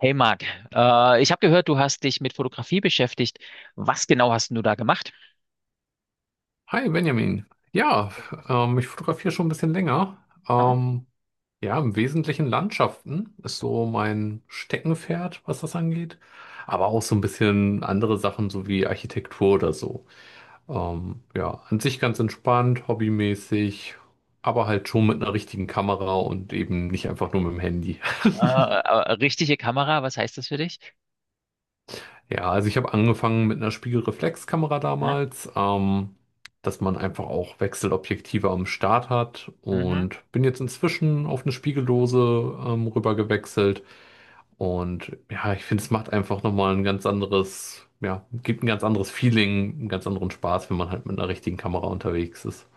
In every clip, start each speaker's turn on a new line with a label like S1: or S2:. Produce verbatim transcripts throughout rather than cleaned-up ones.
S1: Hey Marc, äh, ich habe gehört, du hast dich mit Fotografie beschäftigt. Was genau hast denn du da gemacht?
S2: Hi Benjamin. Ja, ähm, ich fotografiere schon ein bisschen länger.
S1: Ah.
S2: Ähm, ja, im Wesentlichen Landschaften ist so mein Steckenpferd, was das angeht. Aber auch so ein bisschen andere Sachen, so wie Architektur oder so. Ähm, ja, an sich ganz entspannt, hobbymäßig, aber halt schon mit einer richtigen Kamera und eben nicht einfach nur mit dem Handy.
S1: Äh, äh, richtige Kamera, was heißt das für dich?
S2: Ja, also ich habe angefangen mit einer Spiegelreflexkamera
S1: Ja,
S2: damals, ähm, dass man einfach auch Wechselobjektive am Start hat
S1: mhm.
S2: und bin jetzt inzwischen auf eine Spiegellose ähm, rüber gewechselt und ja, ich finde, es macht einfach nochmal ein ganz anderes, ja, gibt ein ganz anderes Feeling, einen ganz anderen Spaß, wenn man halt mit einer richtigen Kamera unterwegs ist.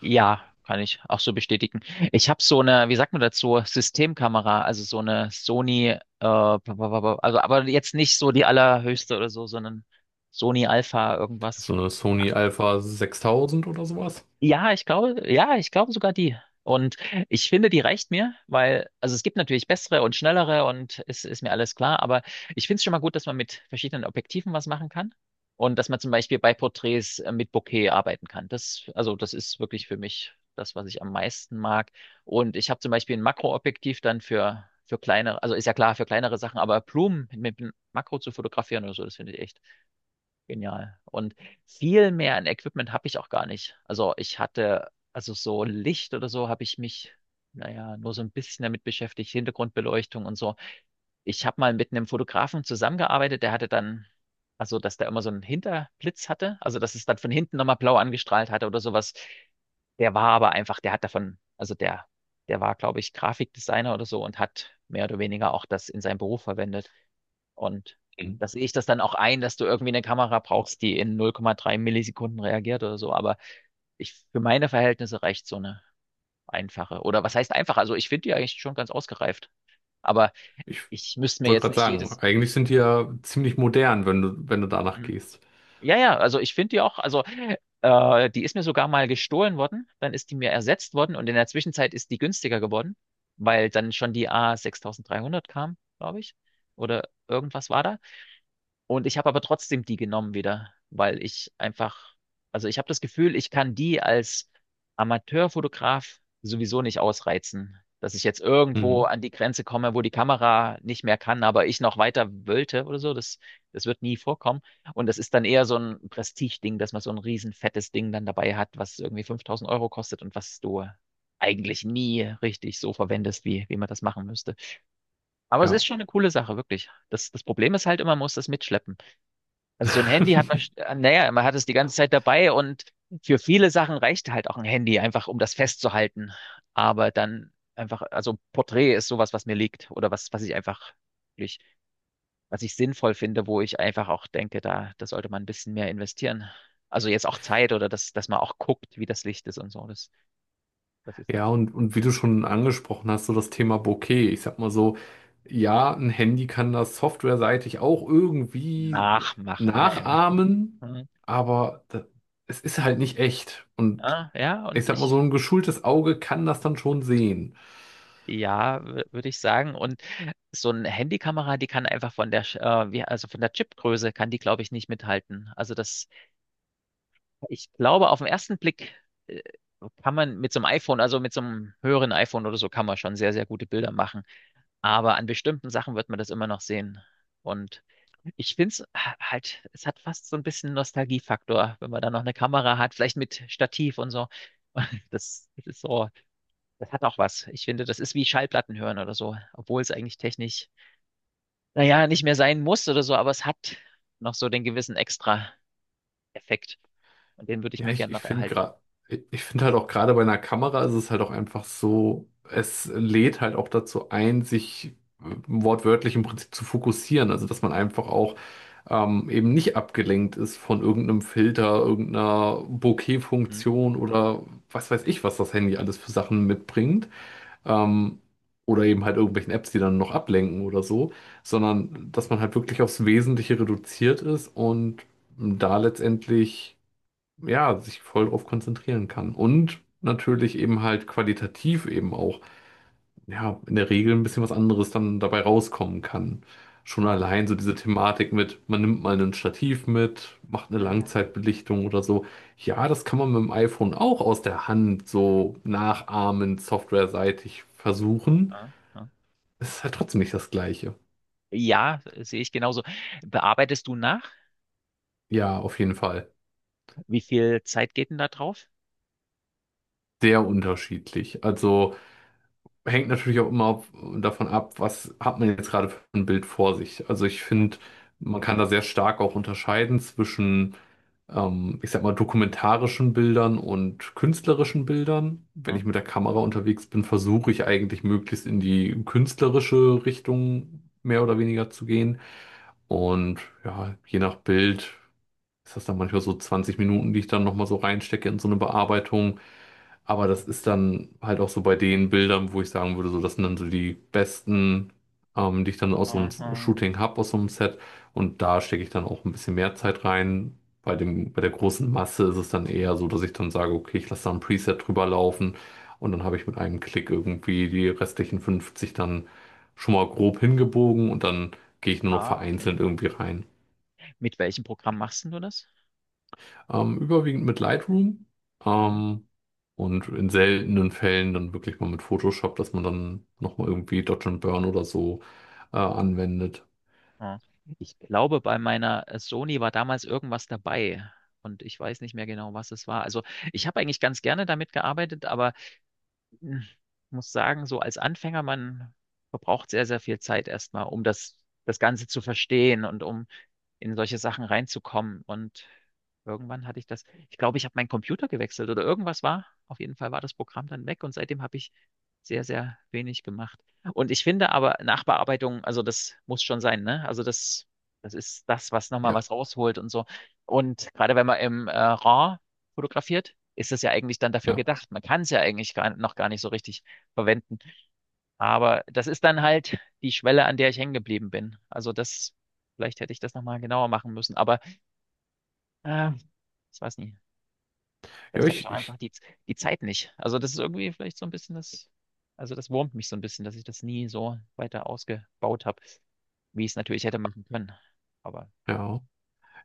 S1: Ja, kann ich auch so bestätigen. Ich habe so eine, wie sagt man dazu, Systemkamera, also so eine Sony, äh, bla, bla, bla, bla, also aber jetzt nicht so die allerhöchste oder so, sondern Sony Alpha irgendwas.
S2: So eine Sony Alpha sechstausend oder sowas.
S1: Ja, ich glaube, ja, ich glaube sogar die. Und ich finde, die reicht mir, weil, also es gibt natürlich bessere und schnellere und es ist mir alles klar, aber ich finde es schon mal gut, dass man mit verschiedenen Objektiven was machen kann und dass man zum Beispiel bei Porträts äh, mit Bokeh arbeiten kann. Das, also das ist wirklich für mich das, was ich am meisten mag. Und ich habe zum Beispiel ein Makroobjektiv dann für, für kleinere, also ist ja klar, für kleinere Sachen, aber Blumen mit einem Makro zu fotografieren oder so, das finde ich echt genial. Und viel mehr an Equipment habe ich auch gar nicht. Also ich hatte, also so Licht oder so habe ich mich, naja, nur so ein bisschen damit beschäftigt, Hintergrundbeleuchtung und so. Ich habe mal mit einem Fotografen zusammengearbeitet, der hatte dann, also dass der immer so einen Hinterblitz hatte, also dass es dann von hinten nochmal blau angestrahlt hatte oder sowas. Der war aber einfach, der hat davon, also der, der war, glaube ich, Grafikdesigner oder so und hat mehr oder weniger auch das in seinem Beruf verwendet. Und
S2: Mhm.
S1: da sehe ich das dann auch ein, dass du irgendwie eine Kamera brauchst, die in null Komma drei Millisekunden reagiert oder so. Aber ich, für meine Verhältnisse reicht so eine einfache. Oder was heißt einfach? Also ich finde die eigentlich schon ganz ausgereift. Aber
S2: Ich
S1: ich müsste mir
S2: wollte
S1: jetzt
S2: gerade
S1: nicht
S2: sagen,
S1: jedes.
S2: eigentlich sind die ja ziemlich modern, wenn du, wenn du danach
S1: Hm.
S2: gehst.
S1: Ja, ja, also ich finde die auch, also äh, die ist mir sogar mal gestohlen worden, dann ist die mir ersetzt worden und in der Zwischenzeit ist die günstiger geworden, weil dann schon die A sechstausenddreihundert kam, glaube ich. Oder irgendwas war da. Und ich habe aber trotzdem die genommen wieder, weil ich einfach, also ich habe das Gefühl, ich kann die als Amateurfotograf sowieso nicht ausreizen, dass ich jetzt irgendwo
S2: Mhm.
S1: an die Grenze komme, wo die Kamera nicht mehr kann, aber ich noch weiter wollte oder so. Das, das wird nie vorkommen. Und das ist dann eher so ein Prestigeding, dass man so ein riesen fettes Ding dann dabei hat, was irgendwie fünftausend Euro kostet und was du eigentlich nie richtig so verwendest, wie, wie man das machen müsste. Aber es ist
S2: Ja.
S1: schon eine coole Sache, wirklich. Das, das Problem ist halt immer, man muss das mitschleppen. Also so ein Handy hat man, sch- naja, man hat es die ganze Zeit dabei und für viele Sachen reicht halt auch ein Handy, einfach um das festzuhalten. Aber dann einfach, also Porträt ist sowas, was mir liegt oder was, was ich einfach wirklich, was ich sinnvoll finde, wo ich einfach auch denke, da, da sollte man ein bisschen mehr investieren. Also jetzt auch Zeit oder dass, dass man auch guckt, wie das Licht ist und so. Das, das ist dann
S2: Ja, und, und wie du schon angesprochen hast, so das Thema Bokeh. Ich sag mal so, ja, ein Handy kann das softwareseitig auch irgendwie
S1: nachmachen, ja. Ja, ja.
S2: nachahmen,
S1: Hm.
S2: aber da, es ist halt nicht echt. Und
S1: Ja, ja,
S2: ich
S1: und
S2: sag mal, so
S1: ich.
S2: ein geschultes Auge kann das dann schon sehen.
S1: Ja, würde ich sagen. Und so eine Handykamera, die kann einfach von der, Sch- äh, wie, also von der Chipgröße kann die, glaube ich, nicht mithalten. Also das, ich glaube, auf den ersten Blick äh, kann man mit so einem iPhone, also mit so einem höheren iPhone oder so, kann man schon sehr, sehr gute Bilder machen. Aber an bestimmten Sachen wird man das immer noch sehen. Und ich finde es halt, es hat fast so ein bisschen Nostalgiefaktor, wenn man da noch eine Kamera hat, vielleicht mit Stativ und so. Das, das ist so, das hat auch was. Ich finde, das ist wie Schallplatten hören oder so, obwohl es eigentlich technisch, naja, nicht mehr sein muss oder so, aber es hat noch so den gewissen Extra-Effekt. Und den würde ich
S2: Ja,
S1: mir
S2: ich,
S1: gerne
S2: ich
S1: noch
S2: finde
S1: erhalten.
S2: gerade, ich finde halt auch gerade bei einer Kamera ist es halt auch einfach so, es lädt halt auch dazu ein, sich äh, wortwörtlich im Prinzip zu fokussieren. Also, dass man einfach auch ähm, eben nicht abgelenkt ist von irgendeinem Filter, irgendeiner
S1: Hm?
S2: Bokeh-Funktion oder was weiß ich, was das Handy alles für Sachen mitbringt. Ähm, oder eben halt irgendwelchen Apps, die dann noch ablenken oder so, sondern dass man halt wirklich aufs Wesentliche reduziert ist und da letztendlich ja, sich voll drauf konzentrieren kann. Und natürlich eben halt qualitativ eben auch, ja, in der Regel ein bisschen was anderes dann dabei rauskommen kann. Schon
S1: Ja,
S2: allein so diese Thematik mit, man nimmt mal ein Stativ mit, macht eine
S1: ja,
S2: Langzeitbelichtung oder so. Ja, das kann man mit dem iPhone auch aus der Hand so nachahmen, softwareseitig versuchen.
S1: ja, ja.
S2: Es ist halt trotzdem nicht das Gleiche.
S1: Ja, sehe ich genauso. Bearbeitest du nach?
S2: Ja, auf jeden Fall.
S1: Wie viel Zeit geht denn da drauf?
S2: Sehr unterschiedlich. Also hängt natürlich auch immer auf, davon ab, was hat man jetzt gerade für ein Bild vor sich. Also ich
S1: Ja,
S2: finde, man kann da sehr stark auch unterscheiden zwischen, ähm, ich sag mal, dokumentarischen Bildern und künstlerischen Bildern. Wenn
S1: ja,
S2: ich mit der Kamera unterwegs bin, versuche ich eigentlich möglichst in die künstlerische Richtung mehr oder weniger zu gehen. Und ja, je nach Bild ist das dann manchmal so zwanzig Minuten, die ich dann nochmal so reinstecke in so eine Bearbeitung. Aber das ist
S1: ja.
S2: dann halt auch so bei den Bildern, wo ich sagen würde, so das sind dann so die besten, ähm, die ich dann aus so einem
S1: Aha.
S2: Shooting habe aus so einem Set. Und da stecke ich dann auch ein bisschen mehr Zeit rein. Bei dem, bei der großen Masse ist es dann eher so, dass ich dann sage, okay, ich lasse da ein Preset drüber laufen und dann habe ich mit einem Klick irgendwie die restlichen fünfzig dann schon mal grob hingebogen und dann gehe ich nur noch
S1: Ah, okay,
S2: vereinzelt
S1: ja.
S2: irgendwie rein.
S1: Mit welchem Programm machst denn du das?
S2: Ähm, überwiegend mit Lightroom ähm, und in seltenen Fällen dann wirklich mal mit Photoshop, dass man dann nochmal irgendwie Dodge and Burn oder so äh, anwendet.
S1: Ja. Ich glaube, bei meiner äh, Sony war damals irgendwas dabei und ich weiß nicht mehr genau, was es war. Also ich habe eigentlich ganz gerne damit gearbeitet, aber hm, muss sagen, so als Anfänger, man verbraucht sehr, sehr viel Zeit erstmal, um das, das Ganze zu verstehen und um in solche Sachen reinzukommen. Und irgendwann hatte ich das, ich glaube, ich habe meinen Computer gewechselt oder irgendwas war. Auf jeden Fall war das Programm dann weg und seitdem habe ich sehr, sehr wenig gemacht. Und ich finde aber Nachbearbeitung, also das muss schon sein, ne? Also das, das ist das, was nochmal
S2: Ja,
S1: was rausholt und so. Und gerade wenn man im äh, RAW fotografiert, ist es ja eigentlich dann dafür
S2: ja.
S1: gedacht. Man kann es ja eigentlich gar, noch gar nicht so richtig verwenden. Aber das ist dann halt die Schwelle, an der ich hängen geblieben bin. Also das, vielleicht hätte ich das nochmal genauer machen müssen. Aber äh, ich weiß nicht,
S2: Ja,
S1: vielleicht habe ich
S2: ich,
S1: auch einfach
S2: ich,
S1: die, die Zeit nicht. Also das ist irgendwie vielleicht so ein bisschen das, also das wurmt mich so ein bisschen, dass ich das nie so weiter ausgebaut habe, wie ich es natürlich hätte machen können. Aber
S2: ja.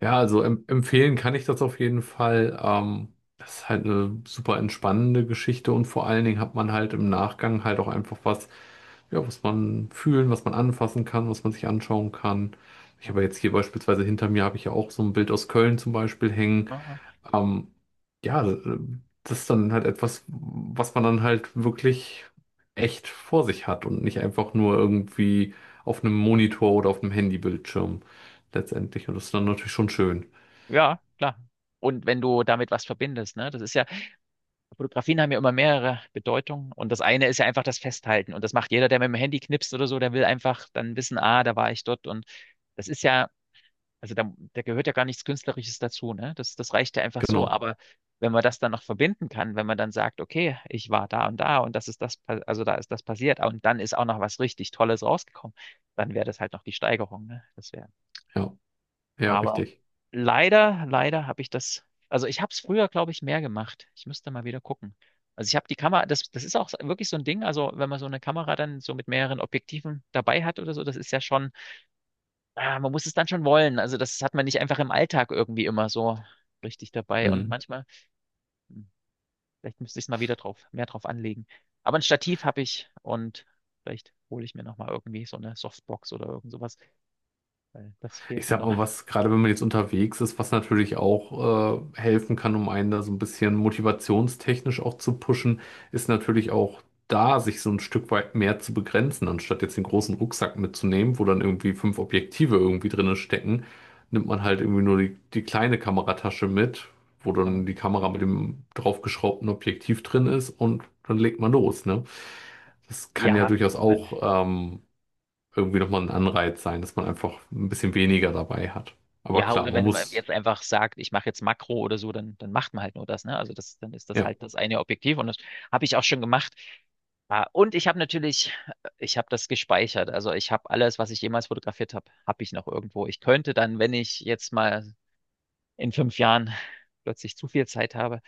S2: Ja, also em empfehlen kann ich das auf jeden Fall. Ähm, das ist halt eine super entspannende Geschichte und vor allen Dingen hat man halt im Nachgang halt auch einfach was, ja, was man fühlen, was man anfassen kann, was man sich anschauen kann. Ich habe jetzt hier beispielsweise hinter mir habe ich ja auch so ein Bild aus Köln zum Beispiel hängen.
S1: äh,
S2: Ähm, ja, äh, das ist dann halt etwas, was man dann halt wirklich echt vor sich hat und nicht einfach nur irgendwie auf einem Monitor oder auf einem Handybildschirm letztendlich. Und das ist dann natürlich schon schön.
S1: ja, klar. Und wenn du damit was verbindest, ne, das ist ja, Fotografien haben ja immer mehrere Bedeutungen und das eine ist ja einfach das Festhalten und das macht jeder, der mit dem Handy knipst oder so, der will einfach dann wissen, ah, da war ich dort und das ist ja, also da, da gehört ja gar nichts Künstlerisches dazu, ne? Das, das reicht ja einfach so,
S2: Genau,
S1: aber wenn man das dann noch verbinden kann, wenn man dann sagt, okay, ich war da und da und das ist das, pa- also da ist das passiert und dann ist auch noch was richtig Tolles rausgekommen, dann wäre das halt noch die Steigerung, ne? Das wäre
S2: ja, ja,
S1: aber
S2: richtig.
S1: leider, leider habe ich das, also ich habe es früher, glaube ich, mehr gemacht. Ich müsste mal wieder gucken. Also ich habe die Kamera, das, das ist auch so, wirklich so ein Ding. Also wenn man so eine Kamera dann so mit mehreren Objektiven dabei hat oder so, das ist ja schon, ah, man muss es dann schon wollen. Also das hat man nicht einfach im Alltag irgendwie immer so richtig dabei. Und
S2: Mhm.
S1: manchmal, hm, vielleicht müsste ich es mal wieder drauf, mehr drauf anlegen. Aber ein Stativ habe ich und vielleicht hole ich mir nochmal irgendwie so eine Softbox oder irgend sowas, weil das
S2: Ich
S1: fehlt mir
S2: sag
S1: noch.
S2: mal, was gerade wenn man jetzt unterwegs ist, was natürlich auch äh, helfen kann, um einen da so ein bisschen motivationstechnisch auch zu pushen, ist natürlich auch da, sich so ein Stück weit mehr zu begrenzen, anstatt jetzt den großen Rucksack mitzunehmen, wo dann irgendwie fünf Objektive irgendwie drinne stecken, nimmt man halt irgendwie nur die, die kleine Kameratasche mit, wo dann die Kamera mit dem draufgeschraubten Objektiv drin ist und dann legt man los, ne? Das kann ja
S1: Ja.
S2: durchaus auch ähm, irgendwie nochmal ein Anreiz sein, dass man einfach ein bisschen weniger dabei hat. Aber
S1: Ja,
S2: klar,
S1: oder
S2: man
S1: wenn man
S2: muss,
S1: jetzt einfach sagt, ich mache jetzt Makro oder so, dann, dann macht man halt nur das, ne? Also das, dann ist das
S2: ja,
S1: halt das eine Objektiv und das habe ich auch schon gemacht. Ah, und ich habe natürlich, ich habe das gespeichert. Also ich habe alles, was ich jemals fotografiert habe, habe ich noch irgendwo. Ich könnte dann, wenn ich jetzt mal in fünf Jahren plötzlich zu viel Zeit habe,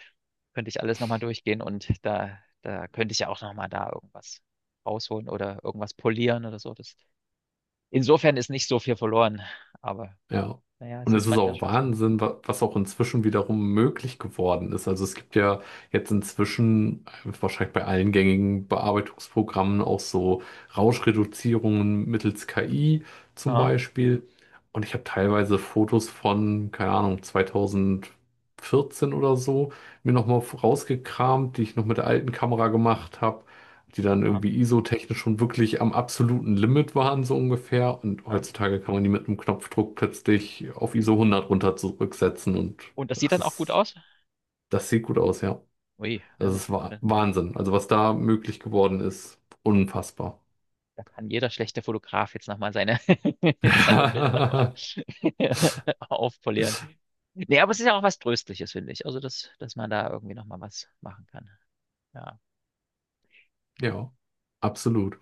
S1: könnte ich alles nochmal durchgehen und da, da könnte ich ja auch nochmal da irgendwas rausholen oder irgendwas polieren oder so. Das, insofern ist nicht so viel verloren, aber
S2: ja.
S1: naja, es
S2: Und es
S1: ist
S2: ist
S1: manchmal
S2: auch
S1: schon so.
S2: Wahnsinn, wa- was auch inzwischen wiederum möglich geworden ist. Also es gibt ja jetzt inzwischen äh, wahrscheinlich bei allen gängigen Bearbeitungsprogrammen auch so Rauschreduzierungen mittels K I zum
S1: Ja.
S2: Beispiel. Und ich habe teilweise Fotos von, keine Ahnung, zwanzig vierzehn oder so mir nochmal rausgekramt, die ich noch mit der alten Kamera gemacht habe, die dann
S1: Ja,
S2: irgendwie ISO-technisch schon wirklich am absoluten Limit waren, so ungefähr. Und
S1: ja.
S2: heutzutage kann man die mit einem Knopfdruck plötzlich auf ISO hundert runter zurücksetzen und
S1: Und das sieht
S2: das
S1: dann auch gut
S2: ist,
S1: aus?
S2: das sieht gut aus, ja.
S1: Ui, na
S2: Das
S1: gut.
S2: ist Wa-
S1: Da
S2: Wahnsinn. Also was da möglich geworden ist, unfassbar.
S1: da kann jeder schlechte Fotograf jetzt nochmal seine, seine Bilder nochmal aufpolieren. Nee, aber es ist ja auch was Tröstliches, finde ich. Also, dass, dass man da irgendwie nochmal was machen kann. Ja.
S2: Ja, absolut.